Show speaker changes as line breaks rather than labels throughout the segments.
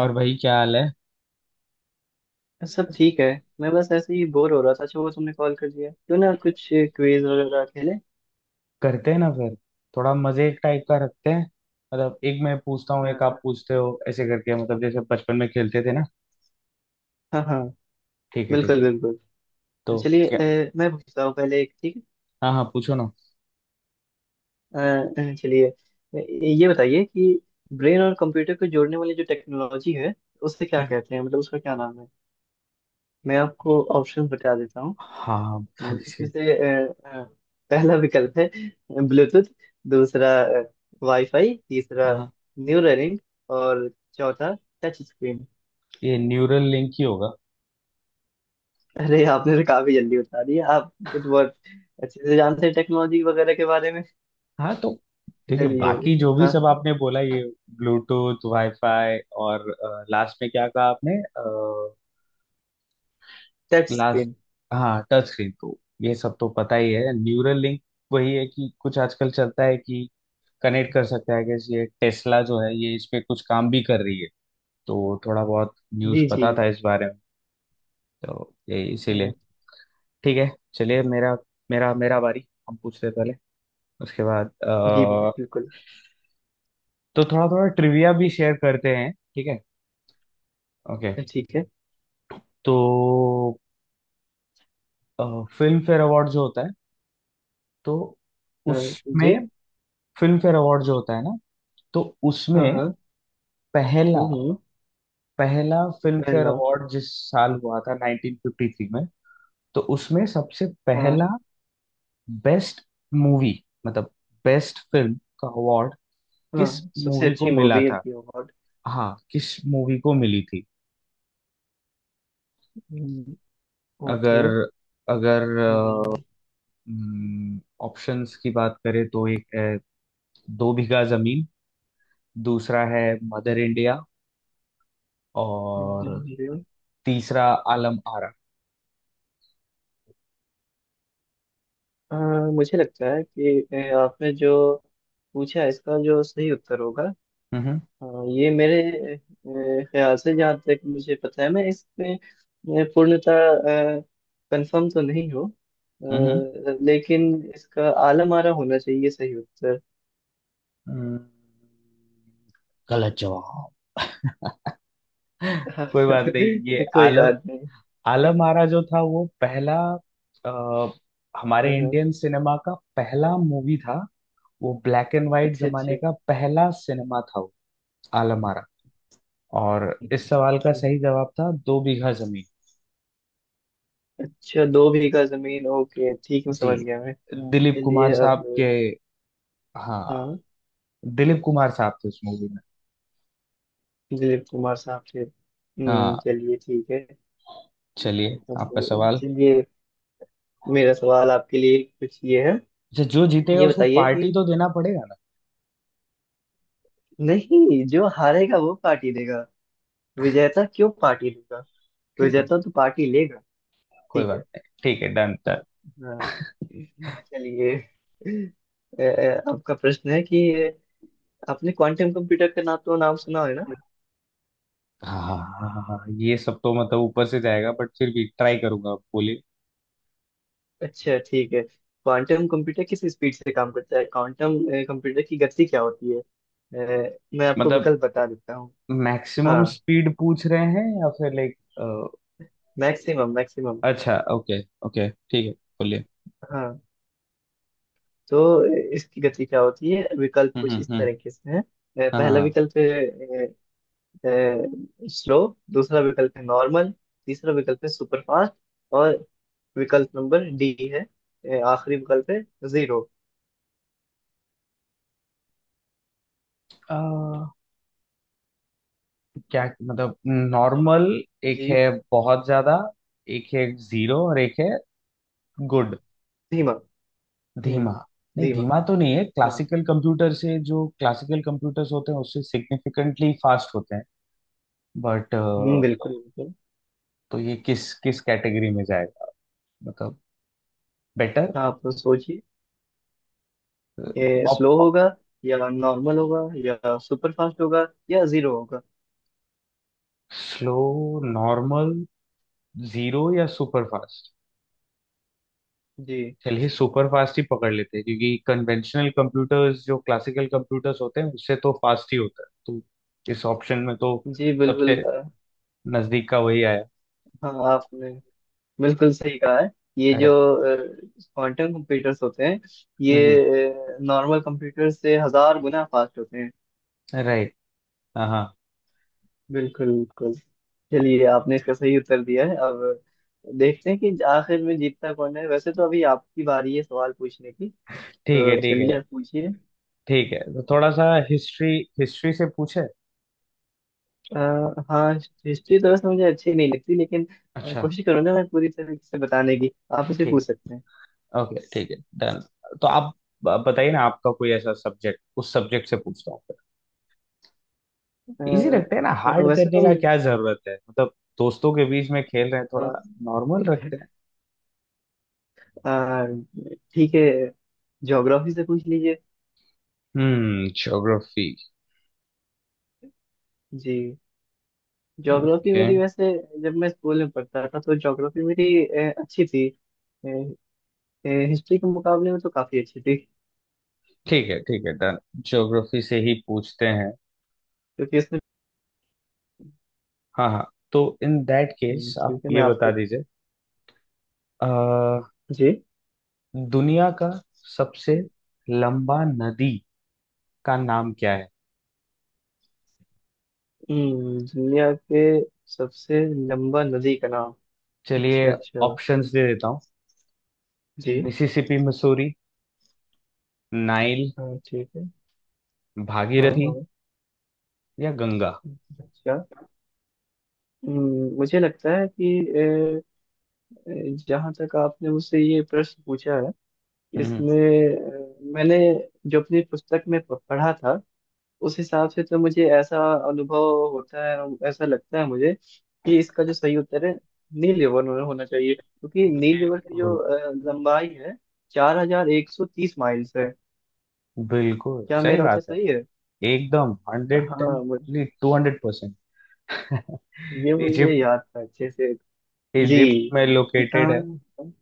और भाई क्या हाल है?
सब ठीक है। मैं बस ऐसे ही बोर हो रहा था। अच्छा, वो तुमने कॉल कर दिया, क्यों ना कुछ क्विज वगैरह खेले।
करते हैं ना फिर। थोड़ा मजे टाइप का रखते हैं। मतलब एक मैं पूछता हूँ एक
हाँ।
आप पूछते हो ऐसे करके, मतलब जैसे बचपन में खेलते थे ना।
हाँ हाँ।
ठीक है ठीक है।
बिल्कुल बिल्कुल।
तो
चलिए,
क्या?
मैं पूछता हूँ पहले एक। ठीक है।
हाँ हाँ पूछो ना।
अ, चलिए, ये बताइए कि ब्रेन और कंप्यूटर को जोड़ने वाली जो टेक्नोलॉजी है उसे क्या
हम्म।
कहते हैं, मतलब उसका क्या नाम है। मैं आपको ऑप्शन बता देता हूँ।
हाँ।
इसमें
shit!
से पहला विकल्प है ब्लूटूथ। दूसरा वाईफाई। तीसरा
हाँ हाँ।
न्यूरलिंक। और चौथा टच स्क्रीन।
ये न्यूरल लिंक ही होगा।
अरे, आपने तो काफी जल्दी बता दिया। आप कुछ बहुत अच्छे से जानते हैं टेक्नोलॉजी वगैरह के बारे में।
हाँ तो देखिए
चलिए।
बाकी जो भी
हाँ
सब
हाँ।
आपने बोला ये ब्लूटूथ वाईफाई और लास्ट में क्या कहा आपने?
Touch
last?
स्क्रीन।
हाँ टच स्क्रीन तो ये सब तो पता ही है। न्यूरल लिंक वही है कि कुछ आजकल चलता है कि कनेक्ट कर सकते हैं, कि ये टेस्ला जो है ये इस पे कुछ काम भी कर रही है, तो थोड़ा बहुत न्यूज़
जी जी।
पता था इस बारे में, तो ये इसीलिए।
हाँ,
ठीक है। चलिए मेरा मेरा मेरा बारी, हम पूछते हैं पहले, उसके बाद
जी। बिल्कुल।
तो थोड़ा थोड़ा ट्रिविया भी शेयर करते हैं ठीक है। ओके।
तो ठीक है।
तो फिल्म फेयर अवार्ड जो होता है, तो
हाँ, जी।
उसमें, फिल्म फेयर अवार्ड जो होता है ना, तो
हाँ
उसमें
हाँ।
पहला
हम्म।
पहला फिल्म फेयर
पहला।
अवार्ड जिस साल हुआ था 1953 में, तो उसमें सबसे
हाँ
पहला बेस्ट मूवी, मतलब बेस्ट फिल्म का अवार्ड किस
हाँ सबसे
मूवी को
अच्छी
मिला
मूवी है
था?
की अवार्ड।
हाँ किस मूवी को मिली थी?
हम्म। ओके।
अगर अगर
हम्म।
ऑप्शंस की बात करें तो एक है दो बीघा जमीन, दूसरा है मदर इंडिया, और
मुझे video-
तीसरा आलम आरा।
हाँ, मुझे लगता है कि आपने जो पूछा है इसका जो सही उत्तर होगा।
हम्म
हाँ, ये मेरे ख्याल से, जहाँ तक मुझे पता है, मैं इसमें पूर्णतः कंफर्म तो नहीं हूँ,
हम्म।
लेकिन इसका आलम आरा होना चाहिए सही उत्तर।
हम्म। गलत जवाब।
हाँ,
कोई बात नहीं। ये
कोई
आलम
बात नहीं।
आलम आरा जो था वो पहला अ,
हाँ,
हमारे
हाँ।
इंडियन सिनेमा का पहला मूवी था। वो ब्लैक एंड व्हाइट
अच्छा अच्छा।
जमाने का पहला सिनेमा था वो, आलम आरा। और इस सवाल का सही जवाब था दो बीघा जमीन।
अच्छा, दो बीघा जमीन। ओके, ठीक है,
जी।
समझ गया मैं।
दिलीप कुमार
चलिए
साहब
अब।
के। हाँ।
हाँ।
दिलीप कुमार साहब थे उस मूवी में।
दिलीप कुमार साहब से।
हाँ
चलिए, ठीक है।
चलिए
अब
आपका सवाल।
चलिए, मेरा सवाल आपके लिए कुछ ये है।
अच्छा जो जीतेगा
ये
उसको
बताइए
पार्टी
कि
तो देना पड़ेगा ना?
नहीं, जो हारेगा वो पार्टी देगा। विजेता क्यों पार्टी देगा।
ठीक है।
विजेता तो पार्टी लेगा।
कोई
ठीक
बात
है।
नहीं, ठीक है, डन।
हाँ चलिए। अ, आपका प्रश्न है कि आपने क्वांटम कंप्यूटर का नाम, तो नाम सुना है ना।
हाँ ये सब तो मतलब ऊपर से जाएगा बट फिर भी ट्राई करूंगा, आप बोलिए।
अच्छा ठीक है, क्वांटम कंप्यूटर किस स्पीड से काम करता है, क्वांटम कंप्यूटर की गति क्या होती है। मैं आपको
मतलब
विकल्प बता देता हूँ। हाँ,
मैक्सिमम स्पीड पूछ रहे हैं या फिर लाइक?
Maximum maximum.
अच्छा ओके। ओके ठीक है बोलिए।
हाँ, तो इसकी गति क्या होती है, विकल्प
हम्म
कुछ
हम्म
इस
हम्म,
तरीके से है।
हाँ
पहला
हाँ।
विकल्प स्लो। दूसरा विकल्प है नॉर्मल। तीसरा विकल्प है सुपर फास्ट। और विकल्प नंबर डी है, आखिरी विकल्प है जीरो।
हाँ। क्या मतलब
जी।
नॉर्मल? एक
जी।
है बहुत ज्यादा, एक है जीरो, और एक है गुड,
धीमा। हम्म।
धीमा। नहीं
धीमा।
धीमा तो नहीं है,
हाँ।
क्लासिकल कंप्यूटर से, जो क्लासिकल कंप्यूटर्स होते हैं उससे सिग्निफिकेंटली फास्ट होते हैं। बट
हम्म।
तो
बिल्कुल बिल्कुल।
ये किस किस कैटेगरी में जाएगा, मतलब बेटर?
आप सोचिए, ये स्लो होगा या नॉर्मल होगा या सुपर फास्ट होगा या जीरो होगा।
स्लो, नॉर्मल, जीरो या सुपर फास्ट?
जी।
चलिए सुपर फास्ट ही पकड़ लेते हैं, क्योंकि कन्वेंशनल कंप्यूटर्स जो क्लासिकल कंप्यूटर्स होते हैं उससे तो फास्ट ही होता है, तो इस ऑप्शन में तो
जी बिल्कुल।
सबसे नजदीक का वही आया।
हाँ, आपने बिल्कुल सही कहा है। ये जो
अरे।
क्वांटम कंप्यूटर्स होते हैं,
हम्म।
ये नॉर्मल कंप्यूटर से 1,000 गुना फास्ट होते हैं।
राइट। हाँ हाँ।
बिल्कुल बिल्कुल। चलिए, आपने इसका सही उत्तर दिया है। अब देखते हैं कि आखिर में जीतता कौन है। वैसे तो अभी आपकी बारी है सवाल पूछने की।
ठीक है
तो
ठीक है।
चलिए, आप पूछिए।
ठीक है तो थोड़ा सा हिस्ट्री हिस्ट्री से पूछे?
अ, हाँ, हिस्ट्री तो वैसे मुझे अच्छी नहीं लगती, लेकिन
अच्छा।
कोशिश करूंगा मैं पूरी तरीके से बताने की। आप उसे
ठीक
पूछ
है
सकते हैं।
ओके, ठीक है डन। तो आप बताइए ना आपका कोई ऐसा सब्जेक्ट, उस सब्जेक्ट से पूछता हूँ। इजी रखते हैं ना, हार्ड
वैसे
करने
तो
का क्या जरूरत है, मतलब दोस्तों के बीच में खेल रहे हैं थोड़ा।
अ,
नॉर्मल रखते हैं।
आ, ठीक है, ज्योग्राफी से पूछ लीजिए।
हम्म, ज्योग्राफी।
जी, ज्योग्राफी
ओके।
मेरी वैसे जब मैं स्कूल में पढ़ता था तो ज्योग्राफी मेरी अच्छी थी। हिस्ट्री के मुकाबले में तो काफी अच्छी थी।
ठीक है डन, ज्योग्राफी से ही पूछते हैं।
क्योंकि इसमें
हाँ हाँ तो इन दैट
हम्म।
केस आप
ठीक है,
ये
मैं
बता
आपके
दीजिए। अ,
जी।
दुनिया का सबसे लंबा नदी का नाम क्या है?
दुनिया के सबसे लंबा नदी का नाम। अच्छा
चलिए
अच्छा।
ऑप्शंस दे देता हूँ।
जी।
मिसिसिपी मसूरी, नाइल,
हाँ ठीक है। हाँ।
भागीरथी, हाँ, या गंगा?
अच्छा। मुझे लगता है कि अ, जहाँ तक आपने मुझसे ये प्रश्न पूछा है,
हम्म।
इसमें मैंने जो अपनी पुस्तक में पढ़ा था, उस हिसाब से तो मुझे ऐसा अनुभव होता है और ऐसा लगता है मुझे कि इसका जो सही उत्तर है, नील यवन होना होना चाहिए। क्योंकि नील यवन की जो
बिल्कुल।
लंबाई है 4,130 माइल्स है।
बिल्कुल
क्या
सही
मेरा उत्तर
बात है।
सही है?
एकदम हंड्रेड।
हाँ,
टू हंड्रेड परसेंट।
ये मुझे
इजिप्ट।
याद था अच्छे से। जी।
इजिप्ट में
ये
लोकेटेड है।
कहाँ?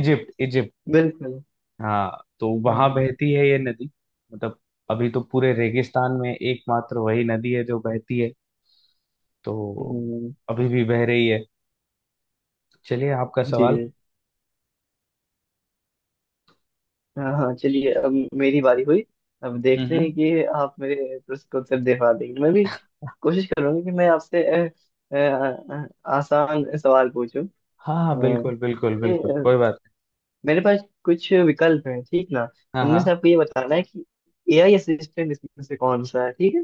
Egypt Egypt.
बिल्कुल।
हाँ तो वहां
हाँ।
बहती है ये नदी। मतलब अभी तो पूरे रेगिस्तान में एकमात्र वही नदी है जो बहती है, तो
हम्म।
अभी भी बह रही है। चलिए आपका
जी।
सवाल।
हाँ हाँ, चलिए अब मेरी बारी हुई। अब
हम्म
देखते
हम्म।
हैं कि आप मेरे प्रश्न को उत्तर दे पा देंगे। मैं भी कोशिश करूंगा कि मैं आपसे अ, अ, आसान सवाल पूछूं।
हाँ हाँ
हाँ।
बिल्कुल बिल्कुल
अरे,
बिल्कुल, कोई बात
मेरे पास कुछ विकल्प हैं, ठीक ना।
नहीं। हाँ
उनमें
हाँ।
से आपको ये बताना है कि एआई असिस्टेंट इसमें से कौन सा है, ठीक है।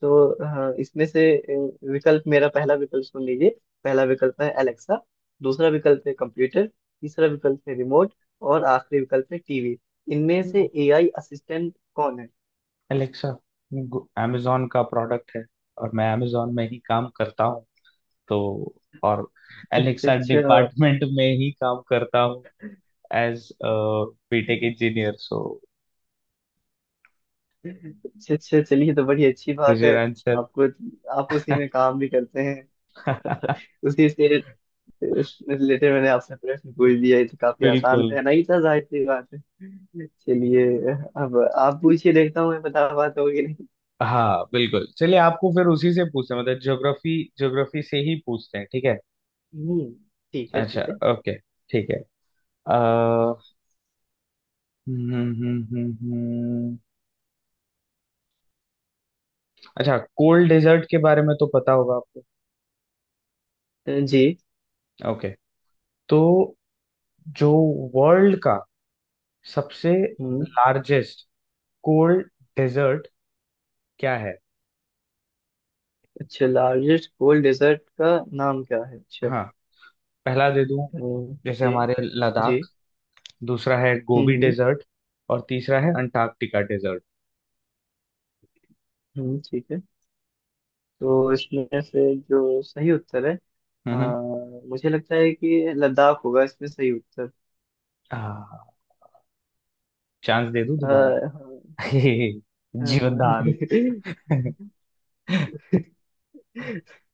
तो हाँ, इसमें से विकल्प, मेरा पहला विकल्प सुन लीजिए। पहला विकल्प है एलेक्सा। दूसरा विकल्प है कंप्यूटर। तीसरा विकल्प है रिमोट। और आखिरी विकल्प है टीवी। इनमें से एआई असिस्टेंट कौन है?
अलेक्सा। अमेजोन का प्रोडक्ट है, और मैं अमेजोन में ही काम करता हूँ। तो, और
अच्छा
एलेक्सा
अच्छा।
डिपार्टमेंट में ही काम करता हूँ एज बीटेक इंजीनियर। सो
अच्छा अच्छा, चलिए तो बड़ी अच्छी
इज
बात है।
Your answer.
आपको, आप उसी में काम भी करते हैं, उसी से रिलेटेड मैंने आपसे प्रश्न पूछ दिया। ये तो काफी आसान
बिल्कुल।
रहना ही था, जाहिर सी बात है। चलिए, अब आप पूछिए, देखता हूँ मैं बता पाता हूँ कि।
हाँ बिल्कुल चलिए आपको फिर उसी से पूछते हैं, मतलब ज्योग्राफी, ज्योग्राफी से ही पूछते हैं ठीक है।
हम्म, ठीक है
अच्छा
ठीक है।
ओके ठीक है। अ, हम्म हम्म हम्म हम्म। अच्छा कोल्ड डेजर्ट के बारे में तो पता होगा आपको?
जी।
ओके। तो जो वर्ल्ड का सबसे
हम्म।
लार्जेस्ट कोल्ड डेजर्ट क्या है?
अच्छा, लार्जेस्ट कोल्ड डेजर्ट का नाम क्या है, अच्छा।
हाँ पहला दे दूं,
हम्म।
जैसे
जी।
हमारे
जी।
लद्दाख। दूसरा है गोबी
हम्म।
डेजर्ट। और तीसरा है अंटार्कटिका डेजर्ट।
ठीक है। तो इसमें से जो सही उत्तर है, अ,
हम्म हम्म।
मुझे लगता है कि लद्दाख होगा इसमें सही उत्तर।
हाँ चांस दे दूं दोबारा?
हाँ। अ,
जीवनदान।
अच्छा,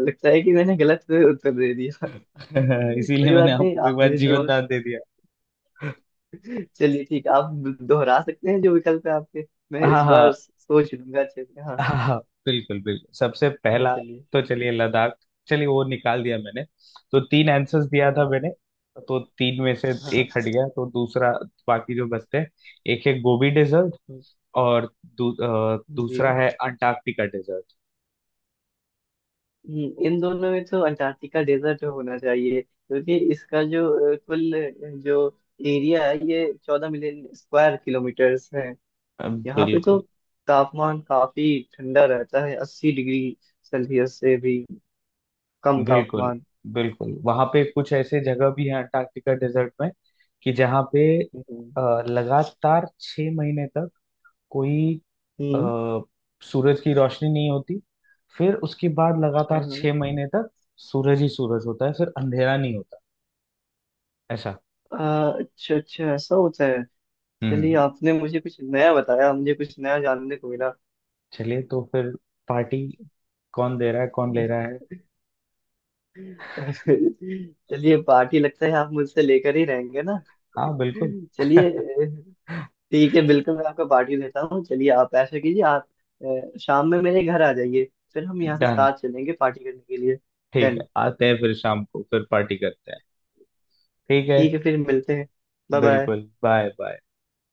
लगता है कि मैंने गलत उत्तर दे दिया।
इसीलिए
कोई
मैंने
बात नहीं,
आपको एक
आप
बार
मुझे जी।
जीवनदान दे दिया।
चलिए ठीक है, आप दोहरा सकते हैं जो विकल्प है आपके। मैं
हाँ
इस बार
हाँ।
सोच लूंगा अच्छे से। हाँ हाँ।
हाँ हाँ। बिल्कुल बिल्कुल सबसे पहला,
चलिए।
तो चलिए लद्दाख, चलिए वो निकाल दिया मैंने। तो तीन आंसर्स दिया था
हाँ
मैंने, तो तीन में से
हाँ। हाँ,
एक हट गया, तो दूसरा, बाकी जो बचते हैं, एक है गोबी डेजर्ट और दूसरा
जी।
है अंटार्कटिका डेजर्ट।
इन दोनों में तो अंटार्कटिका डेजर्ट होना चाहिए क्योंकि इसका जो कुल जो एरिया है, ये 14 मिलियन स्क्वायर किलोमीटर्स है। यहाँ पे तो
बिल्कुल।
तापमान काफी ठंडा रहता है, 80 डिग्री सेल्सियस से भी कम
बिल्कुल,
तापमान।
बिल्कुल, वहां पे कुछ ऐसे जगह भी है अंटार्कटिका डेजर्ट में, कि जहाँ पे
हम्म
अ, लगातार 6 महीने तक कोई अ,
हम्म।
सूरज की रोशनी नहीं होती। फिर उसके बाद
हाँ
लगातार
हाँ।
छह महीने तक सूरज ही सूरज होता है, फिर अंधेरा नहीं होता ऐसा।
अच्छा अच्छा, ऐसा होता है। चलिए,
हम्म।
आपने मुझे कुछ नया बताया, मुझे कुछ नया जानने को मिला।
चलिए तो फिर पार्टी कौन दे रहा है, कौन ले रहा है?
चलिए, पार्टी लगता है आप मुझसे लेकर ही रहेंगे ना।
हाँ बिल्कुल।
चलिए ठीक है, बिल्कुल मैं आपको पार्टी देता हूँ। चलिए, आप ऐसा कीजिए, आप शाम में मेरे घर आ जाइए। फिर हम यहाँ से
डन।
साथ चलेंगे पार्टी करने के लिए।
ठीक है
डन।
आते हैं फिर शाम को, फिर पार्टी करते हैं। ठीक है।
ठीक है, फिर मिलते हैं। Bye bye.
बिल्कुल, बाय बाय।